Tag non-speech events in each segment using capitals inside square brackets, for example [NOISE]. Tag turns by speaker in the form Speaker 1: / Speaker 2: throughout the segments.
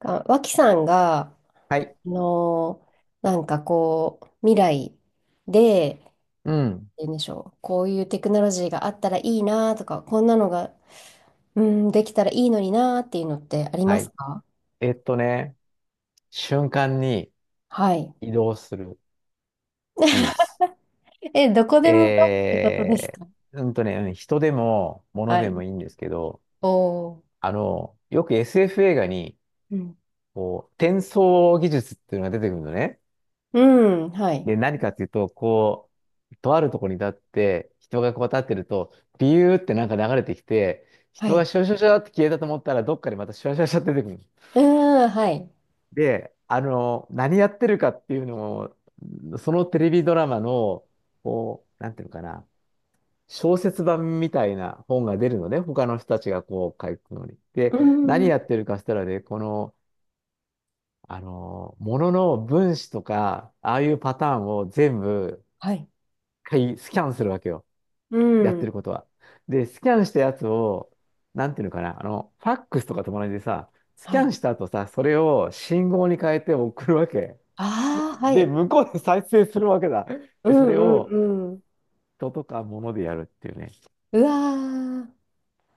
Speaker 1: あ、脇さんが、
Speaker 2: はい。
Speaker 1: のーなんかこう、未来で、
Speaker 2: うん。
Speaker 1: 言うんでしょう、こういうテクノロジーがあったらいいなとか、こんなのが、うん、できたらいいのになっていうのってあり
Speaker 2: は
Speaker 1: ます
Speaker 2: い。
Speaker 1: か？
Speaker 2: えっとね、瞬間に
Speaker 1: はい。
Speaker 2: 移動する技術。
Speaker 1: え、どこでもどうってことです
Speaker 2: え
Speaker 1: か？
Speaker 2: 人でも物
Speaker 1: は
Speaker 2: で
Speaker 1: い。
Speaker 2: もいいんですけど、
Speaker 1: おー。
Speaker 2: よく SF 映画に、
Speaker 1: うん。
Speaker 2: 転送技術っていうのが出てくるのね。
Speaker 1: うん、はい。
Speaker 2: で、何かっていうと、とあるところに立って、人がこう立ってると、ビューってなんか流れてきて、
Speaker 1: は
Speaker 2: 人が
Speaker 1: い。
Speaker 2: シュワシュワシュワって消えたと思ったら、どっかでまたシュワシュワシュワって出てくる。
Speaker 1: うーん、はい。
Speaker 2: で、何やってるかっていうのを、そのテレビドラマの、こう、なんていうのかな、小説版みたいな本が出るのね、他の人たちがこう書くのに。で、
Speaker 1: う
Speaker 2: 何
Speaker 1: ん、
Speaker 2: やってるかしたらね、この、あの、ものの分子とか、ああいうパターンを全部、
Speaker 1: はい。
Speaker 2: 一回スキャンするわけよ。
Speaker 1: う
Speaker 2: やって
Speaker 1: ん、
Speaker 2: ることは。で、スキャンしたやつを、なんていうのかな、あの、ファックスとかと同じでさ、スキ
Speaker 1: は
Speaker 2: ャ
Speaker 1: い。
Speaker 2: ンした後さ、それを信号に変えて送るわけ。
Speaker 1: ああ、は
Speaker 2: で、
Speaker 1: い。
Speaker 2: 向こうで再生するわけだ。
Speaker 1: う
Speaker 2: で、それ
Speaker 1: ん、う
Speaker 2: を
Speaker 1: ん、うん。
Speaker 2: 人とか物でやるっていうね。
Speaker 1: うわー。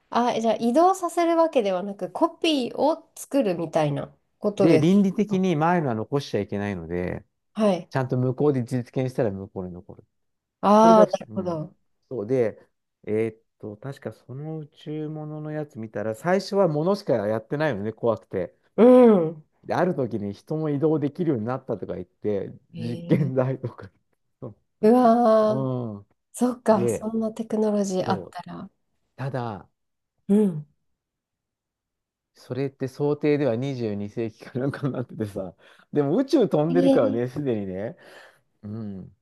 Speaker 1: あ、え、じゃあ移動させるわけではなく、コピーを作るみたいなこと
Speaker 2: で、
Speaker 1: です
Speaker 2: 倫理的
Speaker 1: か。
Speaker 2: に前のは残しちゃいけないので、
Speaker 1: はい。
Speaker 2: ちゃんと向こうで実現したら向こうに残る。それ
Speaker 1: ああ、
Speaker 2: が
Speaker 1: なる
Speaker 2: う
Speaker 1: ほ
Speaker 2: ん、
Speaker 1: ど。
Speaker 2: そうで、えーっと、確かその宇宙物のやつ見たら、最初は物しかやってないのね、怖くて。
Speaker 1: うん。
Speaker 2: で、ある時に人も移動できるようになったとか言って、実
Speaker 1: え
Speaker 2: 験
Speaker 1: え、
Speaker 2: 台とか。[LAUGHS] そ
Speaker 1: うわー、
Speaker 2: うう
Speaker 1: そっ
Speaker 2: ん。
Speaker 1: か、
Speaker 2: で、
Speaker 1: そんなテクノロジーあ
Speaker 2: そ
Speaker 1: っ
Speaker 2: う。
Speaker 1: たら。
Speaker 2: ただ、
Speaker 1: うん。
Speaker 2: それって想定では22世紀かなんかになっててさ。でも宇宙飛
Speaker 1: え
Speaker 2: んでるから
Speaker 1: ー、
Speaker 2: ね、すでにね。うん。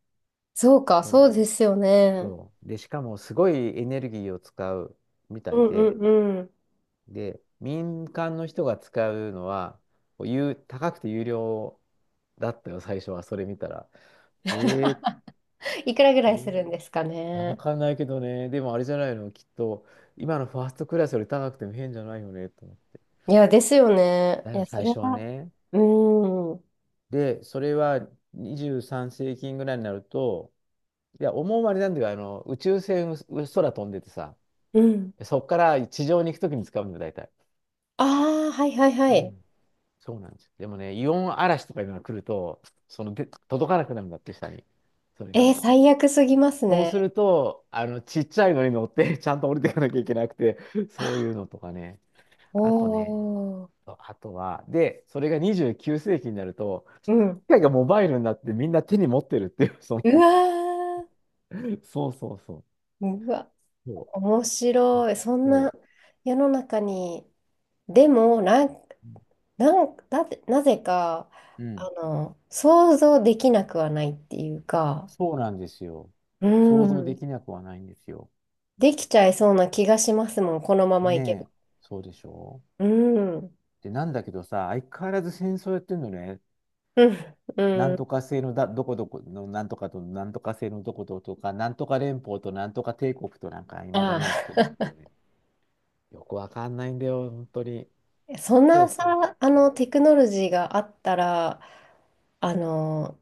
Speaker 1: そうか、
Speaker 2: そ
Speaker 1: そ
Speaker 2: う。
Speaker 1: うですよね。
Speaker 2: そう。で、しかもすごいエネルギーを使うみた
Speaker 1: う
Speaker 2: い
Speaker 1: んう
Speaker 2: で、
Speaker 1: んうん。
Speaker 2: で、民間の人が使うのは、有高くて有料だったよ、最初は。それ見たら。えー、
Speaker 1: いくらぐ
Speaker 2: え
Speaker 1: らいす
Speaker 2: ー
Speaker 1: るんですか
Speaker 2: いや、わ
Speaker 1: ね？
Speaker 2: かんないけどね。でもあれじゃないの、きっと、今のファーストクラスより高くても変じゃないよね、と思って。
Speaker 1: いや、ですよね。
Speaker 2: だ
Speaker 1: い
Speaker 2: よね、
Speaker 1: や、そ
Speaker 2: 最
Speaker 1: れ
Speaker 2: 初は
Speaker 1: は、
Speaker 2: ね。
Speaker 1: うん。
Speaker 2: で、それは23世紀ぐらいになると、いや、思うまれなんだけど、宇宙船、空飛んでてさ、
Speaker 1: うん。
Speaker 2: そっから地上に行くときに使うんだよ、大体。
Speaker 1: ああ、はいはいは
Speaker 2: う
Speaker 1: い。
Speaker 2: ん。そうなんですよ。でもね、イオン嵐とかいうのが来ると、そので、届かなくなるんだって、下に。それが。
Speaker 1: 最悪すぎます
Speaker 2: そう
Speaker 1: ね。
Speaker 2: すると、ちっちゃいのに乗って、[LAUGHS] ちゃんと降りていかなきゃいけなくて、そうい
Speaker 1: あ、
Speaker 2: うのとかね。あとね、
Speaker 1: おー。
Speaker 2: あとは、で、それが29世紀になると、機
Speaker 1: うん。
Speaker 2: 械がモバイルになってみんな手に持ってるっていう、その、
Speaker 1: うわ
Speaker 2: そうそうそう。
Speaker 1: うー、うわ、
Speaker 2: そう。
Speaker 1: 面白い。そん
Speaker 2: そ
Speaker 1: な世の中に。でも、なん、
Speaker 2: う。
Speaker 1: なん、だって、なぜか、
Speaker 2: うん。
Speaker 1: 想像できなくはないっていうか、
Speaker 2: そうなんですよ。
Speaker 1: う
Speaker 2: 想像で
Speaker 1: ん、
Speaker 2: きなくはないんですよ。
Speaker 1: できちゃいそうな気がしますもん、このままいけば。
Speaker 2: ねえ。そうでしょ
Speaker 1: うん、う
Speaker 2: うで、なんだけどさ、相変わらず戦争やってんのね。
Speaker 1: ん、う
Speaker 2: なん
Speaker 1: ん、
Speaker 2: とか制のだ、どこどこのなんとかと、なんとか制のどこととか、なんとか連邦となんとか帝国となんか、いまだ
Speaker 1: あ
Speaker 2: にやってるってい
Speaker 1: あ。
Speaker 2: うね。よくわかんないんだよ、本当に。
Speaker 1: [LAUGHS] そん
Speaker 2: そう
Speaker 1: な
Speaker 2: そう
Speaker 1: さ、
Speaker 2: そ
Speaker 1: テクノロジーがあったら、あの、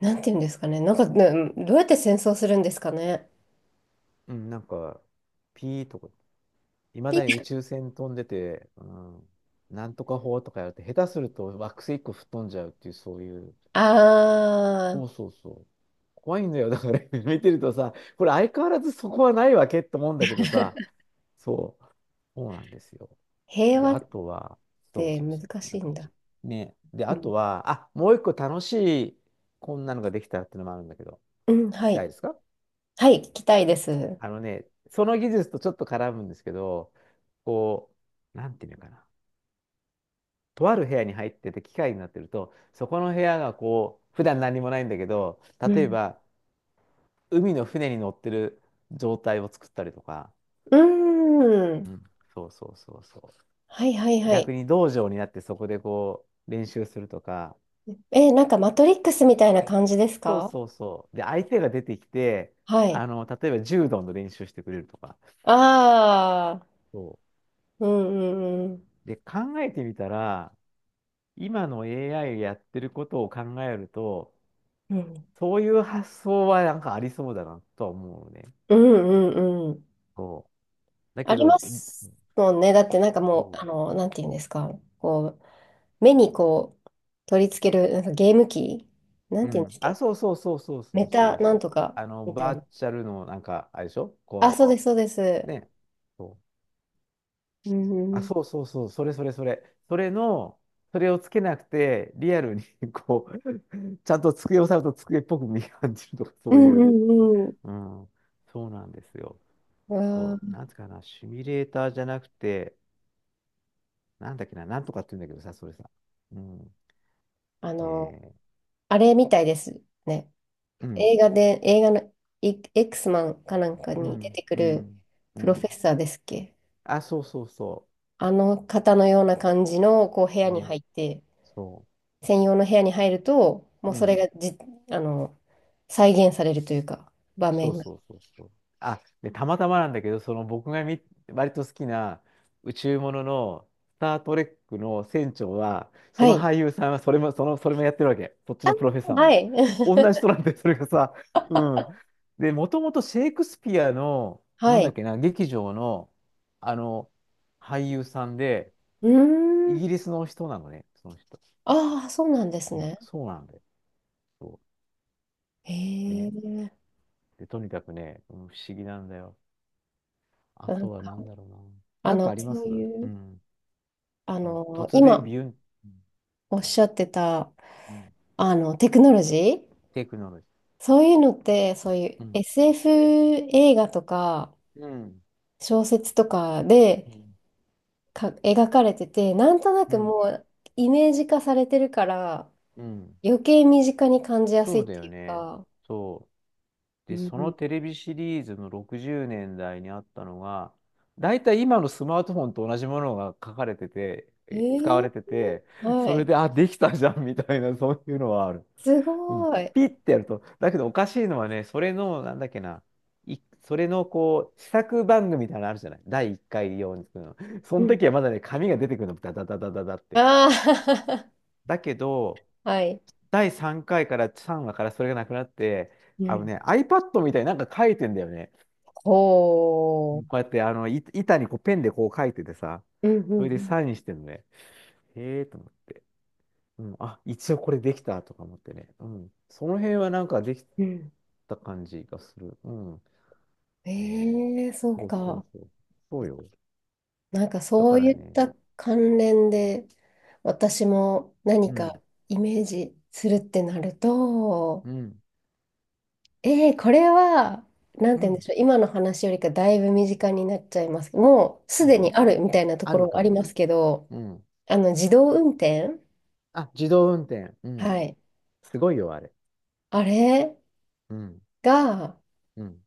Speaker 1: なんていうんですかね、なんか、ね、どうやって戦争するんですかね？
Speaker 2: う。うん、なんか、ピーとか。いまだに宇宙船飛んでて、うん、なんとか法とかやると、下手すると惑星一個吹っ飛んじゃうっていう、そういう、
Speaker 1: ああ。
Speaker 2: そうそうそう。怖いんだよ。だから [LAUGHS] 見てるとさ、これ相変わらずそこはないわけって思うんだけどさ、
Speaker 1: [LAUGHS]
Speaker 2: そう、そうなんですよ。
Speaker 1: 平
Speaker 2: で、
Speaker 1: 和
Speaker 2: あ
Speaker 1: っ
Speaker 2: とは、そう
Speaker 1: て
Speaker 2: そう
Speaker 1: 難
Speaker 2: そう、
Speaker 1: し
Speaker 2: なん
Speaker 1: い
Speaker 2: か
Speaker 1: んだ。
Speaker 2: ち、ね。で、
Speaker 1: う
Speaker 2: あ
Speaker 1: ん、
Speaker 2: とは、あ、もう一個楽しい、こんなのができたっていうのもあるんだけど、
Speaker 1: うん、
Speaker 2: 聞
Speaker 1: は
Speaker 2: きたい
Speaker 1: い。
Speaker 2: ですか？
Speaker 1: はい、聞きたいです。
Speaker 2: あのね、その技術とちょっと絡むんですけど、こう、なんていうのかな。とある部屋に入ってて機械になってると、そこの部屋がこう、普段何もないんだけど、
Speaker 1: う
Speaker 2: 例え
Speaker 1: ん。
Speaker 2: ば海の船に乗ってる状態を作ったりとか、
Speaker 1: うーん。
Speaker 2: うんそうそうそうそ
Speaker 1: はいはい
Speaker 2: う。
Speaker 1: はい。
Speaker 2: 逆に道場になってそこでこう練習するとか、
Speaker 1: え、なんかマトリックスみたいな感じです
Speaker 2: そう
Speaker 1: か？
Speaker 2: そうそう。で、相手が出てきて、
Speaker 1: はい。
Speaker 2: 例えば柔道の練習してくれるとか。
Speaker 1: ああ、
Speaker 2: そ
Speaker 1: うんうんうん。
Speaker 2: う。で、考えてみたら、今の AI やってることを考えると、
Speaker 1: うん
Speaker 2: そういう発想はなんかありそうだなとは思うね。
Speaker 1: うんうんうん。
Speaker 2: そうだ
Speaker 1: あ
Speaker 2: け
Speaker 1: り
Speaker 2: ど、
Speaker 1: ますもんね。だってなんかも
Speaker 2: そ
Speaker 1: う、なんていうんですか。こう、目にこう、取り付ける、なんかゲーム機、な
Speaker 2: う。
Speaker 1: ん
Speaker 2: う
Speaker 1: ていうんで
Speaker 2: ん。
Speaker 1: すっ
Speaker 2: あ、
Speaker 1: け？
Speaker 2: そうそうそうそうそ
Speaker 1: メ
Speaker 2: うそ
Speaker 1: タ
Speaker 2: う
Speaker 1: な
Speaker 2: そ
Speaker 1: ん
Speaker 2: う。
Speaker 1: とかみたい、
Speaker 2: バーチャルのなんか、あれでしょ
Speaker 1: あ、
Speaker 2: こ
Speaker 1: そうです、そうで
Speaker 2: う、
Speaker 1: す。
Speaker 2: ね。そう。
Speaker 1: うんう
Speaker 2: あ、
Speaker 1: ん。
Speaker 2: そうそうそう。それそれそれ。それの、それをつけなくて、リアルに [LAUGHS] こう、ちゃんと机を触ると机っぽく見え感じるとか、そ
Speaker 1: う
Speaker 2: う
Speaker 1: ん
Speaker 2: い
Speaker 1: う
Speaker 2: う。
Speaker 1: んうん。
Speaker 2: うん。そうなんですよ。
Speaker 1: うわ
Speaker 2: そう。
Speaker 1: ー、
Speaker 2: なんつうかな、シミュレーターじゃなくて、なんとかって言うんだけどさ、それさ。うん。
Speaker 1: あの、
Speaker 2: ね
Speaker 1: あれみたいですね。
Speaker 2: え。うん。
Speaker 1: 映画のイ X マンかなんか
Speaker 2: う
Speaker 1: に出
Speaker 2: ん。
Speaker 1: てく
Speaker 2: う
Speaker 1: る
Speaker 2: ん。う
Speaker 1: プロフ
Speaker 2: ん。
Speaker 1: ェッサーですっけ？
Speaker 2: あ、そうそうそ
Speaker 1: あの方のような感じのこう部
Speaker 2: う。
Speaker 1: 屋に
Speaker 2: ね、
Speaker 1: 入って、
Speaker 2: そ
Speaker 1: 専用の部屋に入ると、もう
Speaker 2: う。う
Speaker 1: それ
Speaker 2: ん。
Speaker 1: がじ、あの、再現されるというか、場
Speaker 2: そう
Speaker 1: 面が。
Speaker 2: そうそうそう。あ、で、たまたまなんだけど、その僕がみ、割と好きな宇宙ものの、スター・トレックの船長は、そ
Speaker 1: は
Speaker 2: の
Speaker 1: い。
Speaker 2: 俳優さんはそれも、それもやってるわけ。そっち
Speaker 1: あ、
Speaker 2: のプロフェッサー
Speaker 1: は
Speaker 2: も。
Speaker 1: い。
Speaker 2: 同
Speaker 1: [LAUGHS]
Speaker 2: じ人なんで、それがさ。うん。で、もともとシェイクスピアの、な
Speaker 1: は
Speaker 2: んだ
Speaker 1: い。
Speaker 2: っけな、劇場の、あの、俳優さんで、
Speaker 1: うー
Speaker 2: イ
Speaker 1: ん。
Speaker 2: ギリスの人なのね、その人。
Speaker 1: ああ、そうなんです
Speaker 2: うん、
Speaker 1: ね。
Speaker 2: そうなんだよ。そ
Speaker 1: へ
Speaker 2: うね。
Speaker 1: え。
Speaker 2: で、とにかくね、不思議なんだよ。あとは何だろうな。なんかありま
Speaker 1: そう
Speaker 2: す？
Speaker 1: い
Speaker 2: う
Speaker 1: う、
Speaker 2: ん。その突然
Speaker 1: 今
Speaker 2: ビュン、
Speaker 1: おっしゃってた、
Speaker 2: うん、
Speaker 1: テクノロジー、
Speaker 2: テクノロジ
Speaker 1: そういうのって、そういう
Speaker 2: ー。うん。
Speaker 1: SF 映画とか
Speaker 2: うん。
Speaker 1: 小説とかでか描かれてて、なんとな
Speaker 2: う
Speaker 1: く
Speaker 2: ん。
Speaker 1: もうイメージ化されてるから、
Speaker 2: うん。
Speaker 1: 余計身近に感じやす
Speaker 2: そ
Speaker 1: い
Speaker 2: う
Speaker 1: っ
Speaker 2: だよ
Speaker 1: ていう
Speaker 2: ね。
Speaker 1: か、
Speaker 2: そう。
Speaker 1: う
Speaker 2: で、
Speaker 1: ん
Speaker 2: そ
Speaker 1: う
Speaker 2: のテ
Speaker 1: ん、
Speaker 2: レビシリーズの60年代にあったのが、だいたい今のスマートフォンと同じものが書かれてて、
Speaker 1: え
Speaker 2: 使わ
Speaker 1: ー、
Speaker 2: れてて、
Speaker 1: は
Speaker 2: それ
Speaker 1: い、
Speaker 2: で、あ、できたじゃんみたいな、そういうのはある。
Speaker 1: すご
Speaker 2: うん、
Speaker 1: い。
Speaker 2: ピッてやると。だけどおかしいのはね、それの、なんだっけな、い、それのこう、試作番組みたいなのあるじゃない第1回用に作るの。そ
Speaker 1: う
Speaker 2: の
Speaker 1: ん。
Speaker 2: 時はまだね、紙が出てくるの、ダダダダダダって。
Speaker 1: ああ、
Speaker 2: だけど、
Speaker 1: [LAUGHS] はい。
Speaker 2: 第3回かいから3話からそれがなくなって、
Speaker 1: う
Speaker 2: あの
Speaker 1: ん。
Speaker 2: ね、iPad みたいになんか書いてんだよね。
Speaker 1: ほ
Speaker 2: こうやって、板にこうペンでこう書いててさ、
Speaker 1: う。うんう
Speaker 2: そ
Speaker 1: ん
Speaker 2: れで
Speaker 1: うん
Speaker 2: サインしてんのね。へえーと思って。うん、あ、一応これできたとか思ってね。うん。その辺はなんかでき
Speaker 1: うん。
Speaker 2: た感じがする。うん。ねえ。
Speaker 1: ええ、そう
Speaker 2: そうそう
Speaker 1: か。
Speaker 2: そう。そうよ。
Speaker 1: なんか
Speaker 2: だ
Speaker 1: そ
Speaker 2: か
Speaker 1: う
Speaker 2: ら
Speaker 1: いっ
Speaker 2: ね。
Speaker 1: た関連で、私も
Speaker 2: う
Speaker 1: 何か
Speaker 2: ん。
Speaker 1: イメージするってなると、
Speaker 2: うん。
Speaker 1: ええ、これは、なん
Speaker 2: う
Speaker 1: て言うんで
Speaker 2: ん。
Speaker 1: しょう、今の話よりかだいぶ身近になっちゃいます。もう
Speaker 2: い
Speaker 1: す
Speaker 2: い
Speaker 1: でに
Speaker 2: よ。
Speaker 1: あるみたいなと
Speaker 2: あ
Speaker 1: こ
Speaker 2: る
Speaker 1: ろ
Speaker 2: か
Speaker 1: あり
Speaker 2: も。
Speaker 1: ますけど、
Speaker 2: うん。
Speaker 1: あの自動運転。
Speaker 2: あ、自動運転。うん。
Speaker 1: はい。
Speaker 2: すごいよ、あれ。
Speaker 1: あれ
Speaker 2: うん。
Speaker 1: が、
Speaker 2: うん。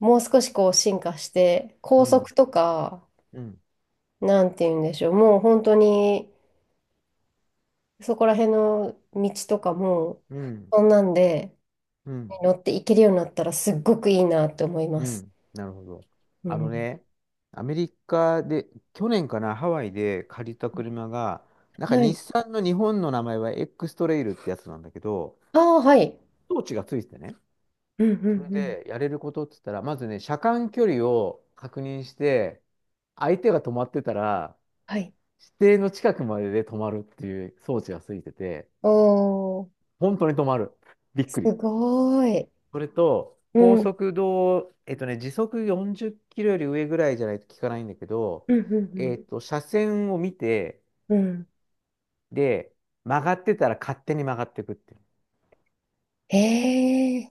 Speaker 1: もう少しこう進化して、
Speaker 2: う
Speaker 1: 高
Speaker 2: ん。
Speaker 1: 速とか、
Speaker 2: うん。
Speaker 1: なんて言うんでしょう、もう本当に、そこら辺の道とかも、
Speaker 2: うん。
Speaker 1: そんなんで
Speaker 2: うん。
Speaker 1: 乗って行けるようになったらすっごくいいなって思いま
Speaker 2: う
Speaker 1: す。
Speaker 2: ん。なるほど。
Speaker 1: う
Speaker 2: あの
Speaker 1: ん。
Speaker 2: ね、アメリカで、去年かな、ハワイで借りた車が、なんか
Speaker 1: は
Speaker 2: 日
Speaker 1: い。
Speaker 2: 産の日本の名前は X トレイルってやつなんだけど、
Speaker 1: ああ、はい。
Speaker 2: 装置がついててね。
Speaker 1: うんう
Speaker 2: それ
Speaker 1: んうん。
Speaker 2: でやれることって言ったら、まずね、車間距離を確認して、相手が止まってたら、
Speaker 1: はい。
Speaker 2: 指定の近くまでで止まるっていう装置がついてて、
Speaker 1: おー、
Speaker 2: 本当に止まる。びっ
Speaker 1: す
Speaker 2: くり。
Speaker 1: ごーい。
Speaker 2: それと、
Speaker 1: う
Speaker 2: 高
Speaker 1: ん。
Speaker 2: 速道、時速40キロより上ぐらいじゃないと効かないんだけど、
Speaker 1: うんうん
Speaker 2: 車線を見て、
Speaker 1: うん。うん。
Speaker 2: で、曲がってたら勝手に曲がっていくっていう。
Speaker 1: へえ。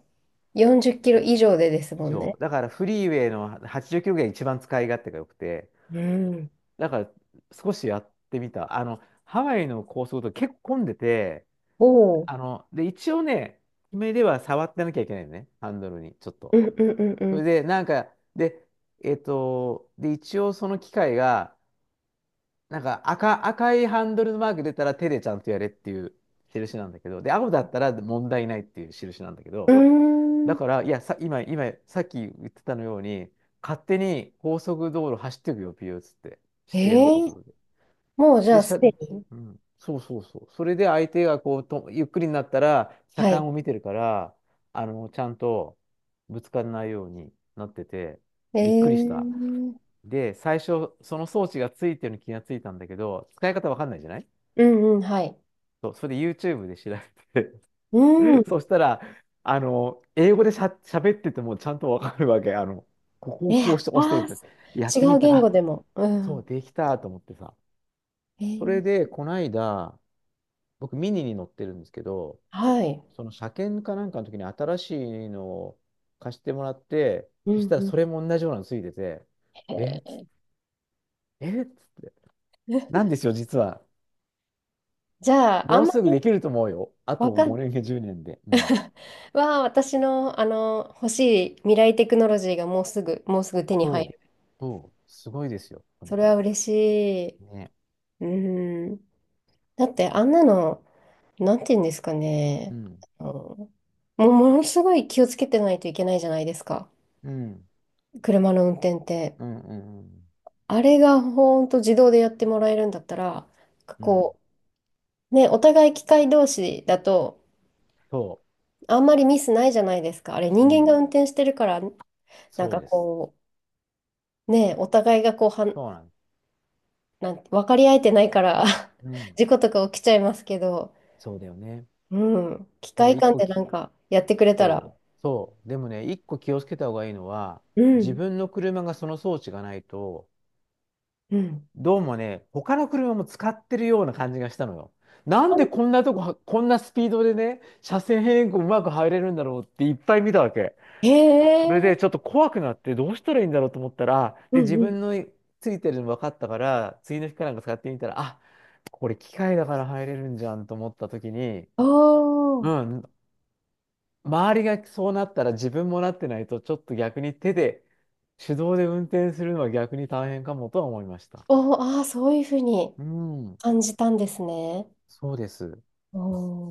Speaker 1: 40キロ以上でです
Speaker 2: 以
Speaker 1: もん
Speaker 2: 上。
Speaker 1: ね。
Speaker 2: だからフリーウェイの80キロぐらいが一番使い勝手が良くて、
Speaker 1: うん。
Speaker 2: だから少しやってみた。あの、ハワイの高速道路結構混んでて、
Speaker 1: お
Speaker 2: あ
Speaker 1: ー。
Speaker 2: の、で、一応ね、目では触ってなきゃいけないのね、ハンドルに、ちょっと。
Speaker 1: うんうんう
Speaker 2: それ
Speaker 1: ん
Speaker 2: で、なんか、で、一応その機械が、なんか赤いハンドルのマーク出たら手でちゃんとやれっていう印なんだけど、で、青だったら問題ないっていう印なんだけ
Speaker 1: う
Speaker 2: ど、
Speaker 1: ん。
Speaker 2: だ
Speaker 1: うー
Speaker 2: か
Speaker 1: ん。
Speaker 2: ら、いや、さ、今、さっき言ってたのように、勝手に高速道路走っていくよ、ピューっつって、指定の
Speaker 1: え
Speaker 2: 速
Speaker 1: え。
Speaker 2: 度で。
Speaker 1: もうじゃ
Speaker 2: で、
Speaker 1: あ
Speaker 2: しゃ、
Speaker 1: すでに。
Speaker 2: うん。そうそうそう。それで相手がこうと、ゆっくりになったら、車
Speaker 1: は
Speaker 2: 間
Speaker 1: い。
Speaker 2: を見てるから、あの、ちゃんとぶつからないようになってて、
Speaker 1: え
Speaker 2: びっくりした。
Speaker 1: え。
Speaker 2: で、最初、その装置がついてるのに気がついたんだけど、使い方わかんないじゃない。
Speaker 1: うんうん、はい。
Speaker 2: そうそれで YouTube で調べ
Speaker 1: うん、
Speaker 2: て。 [LAUGHS] そしたら、あの、英語でしゃ、喋っててもちゃんとわかるわけ。あの、ここを
Speaker 1: え、
Speaker 2: こう
Speaker 1: あ
Speaker 2: して押して
Speaker 1: あ、
Speaker 2: るって。やっ
Speaker 1: 違
Speaker 2: て
Speaker 1: う
Speaker 2: みたら、
Speaker 1: 言語
Speaker 2: あ
Speaker 1: でも。う
Speaker 2: そう、
Speaker 1: ん。
Speaker 2: できたと思ってさ。
Speaker 1: え
Speaker 2: そ
Speaker 1: ー、
Speaker 2: れで、こないだ、僕ミニに乗ってるんですけど、
Speaker 1: はい。
Speaker 2: その車検かなんかの時に新しいのを貸してもらって、
Speaker 1: うん
Speaker 2: そしたら
Speaker 1: うん。
Speaker 2: それも同じようなのついてて、えーっつ
Speaker 1: え
Speaker 2: っえーっつって、なん
Speaker 1: ー
Speaker 2: ですよ、実は。
Speaker 1: [LAUGHS] じゃあ、あ
Speaker 2: も
Speaker 1: ん
Speaker 2: う
Speaker 1: ま
Speaker 2: すぐ
Speaker 1: り、
Speaker 2: できると思うよ。あ
Speaker 1: わ
Speaker 2: と
Speaker 1: か
Speaker 2: 5年や10年で。うん。
Speaker 1: は私の、あの欲しい未来テクノロジーがもうすぐ、もうすぐ手に入
Speaker 2: そう、
Speaker 1: る。
Speaker 2: そう、すごいですよ、と
Speaker 1: そ
Speaker 2: に
Speaker 1: れ
Speaker 2: か
Speaker 1: は
Speaker 2: く。
Speaker 1: 嬉しい。
Speaker 2: ね。
Speaker 1: うん。だって、あんなの、なんて言うんですか
Speaker 2: う
Speaker 1: ね。
Speaker 2: ん、
Speaker 1: あのもうものすごい気をつけてないといけないじゃないですか。
Speaker 2: うん、
Speaker 1: 車の運転って。
Speaker 2: うん、うん、うん、
Speaker 1: あれがほんと自動でやってもらえるんだったら、
Speaker 2: うん。
Speaker 1: こう、ね、お互い機械同士だと、
Speaker 2: そ
Speaker 1: あんまりミスないじゃないですか。あれ、
Speaker 2: う、
Speaker 1: 人
Speaker 2: う
Speaker 1: 間が
Speaker 2: ん、
Speaker 1: 運転してるから、なん
Speaker 2: そう
Speaker 1: か
Speaker 2: です。
Speaker 1: こう、ね、お互いがこう、
Speaker 2: そうなんです。
Speaker 1: なんて、分かり合えてないから
Speaker 2: う
Speaker 1: [LAUGHS]
Speaker 2: ん、
Speaker 1: 事故とか起きちゃいますけど、
Speaker 2: そうだよね。
Speaker 1: うん、機
Speaker 2: ただ
Speaker 1: 械
Speaker 2: 一
Speaker 1: 間
Speaker 2: 個
Speaker 1: で
Speaker 2: 聞
Speaker 1: なんかやってくれたら、
Speaker 2: そう、そう。でもね、一個気をつけた方がいいのは、
Speaker 1: う
Speaker 2: 自
Speaker 1: ん、
Speaker 2: 分の車がその装置がないと、
Speaker 1: うん。
Speaker 2: どうもね、他の車も使ってるような感じがしたのよ。なんで
Speaker 1: あ、
Speaker 2: こんなとこは、こんなスピードでね、車線変更うまく入れるんだろうっていっぱい見たわけ。
Speaker 1: へ
Speaker 2: それ
Speaker 1: え、
Speaker 2: でちょっと怖くなって、どうしたらいいんだろうと思ったら、
Speaker 1: う
Speaker 2: で、
Speaker 1: ん
Speaker 2: 自
Speaker 1: う
Speaker 2: 分
Speaker 1: ん。
Speaker 2: のついてるの分かったから、次の日かなんか使ってみたら、あ、これ機械だから入れるんじゃんと思った時に、
Speaker 1: お
Speaker 2: う
Speaker 1: ー、
Speaker 2: ん、周りがそうなったら自分もなってないと、ちょっと逆に手で、手動で運転するのは逆に大変かもとは思いました。
Speaker 1: おー、ああ、そういうふうに
Speaker 2: うん、
Speaker 1: 感じたんですね。
Speaker 2: そうです。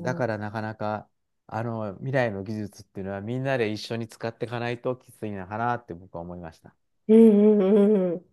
Speaker 2: だ
Speaker 1: ー、
Speaker 2: からなかなか、あの、未来の技術っていうのはみんなで一緒に使っていかないときついのかなって僕は思いました。
Speaker 1: うんうんうんうん。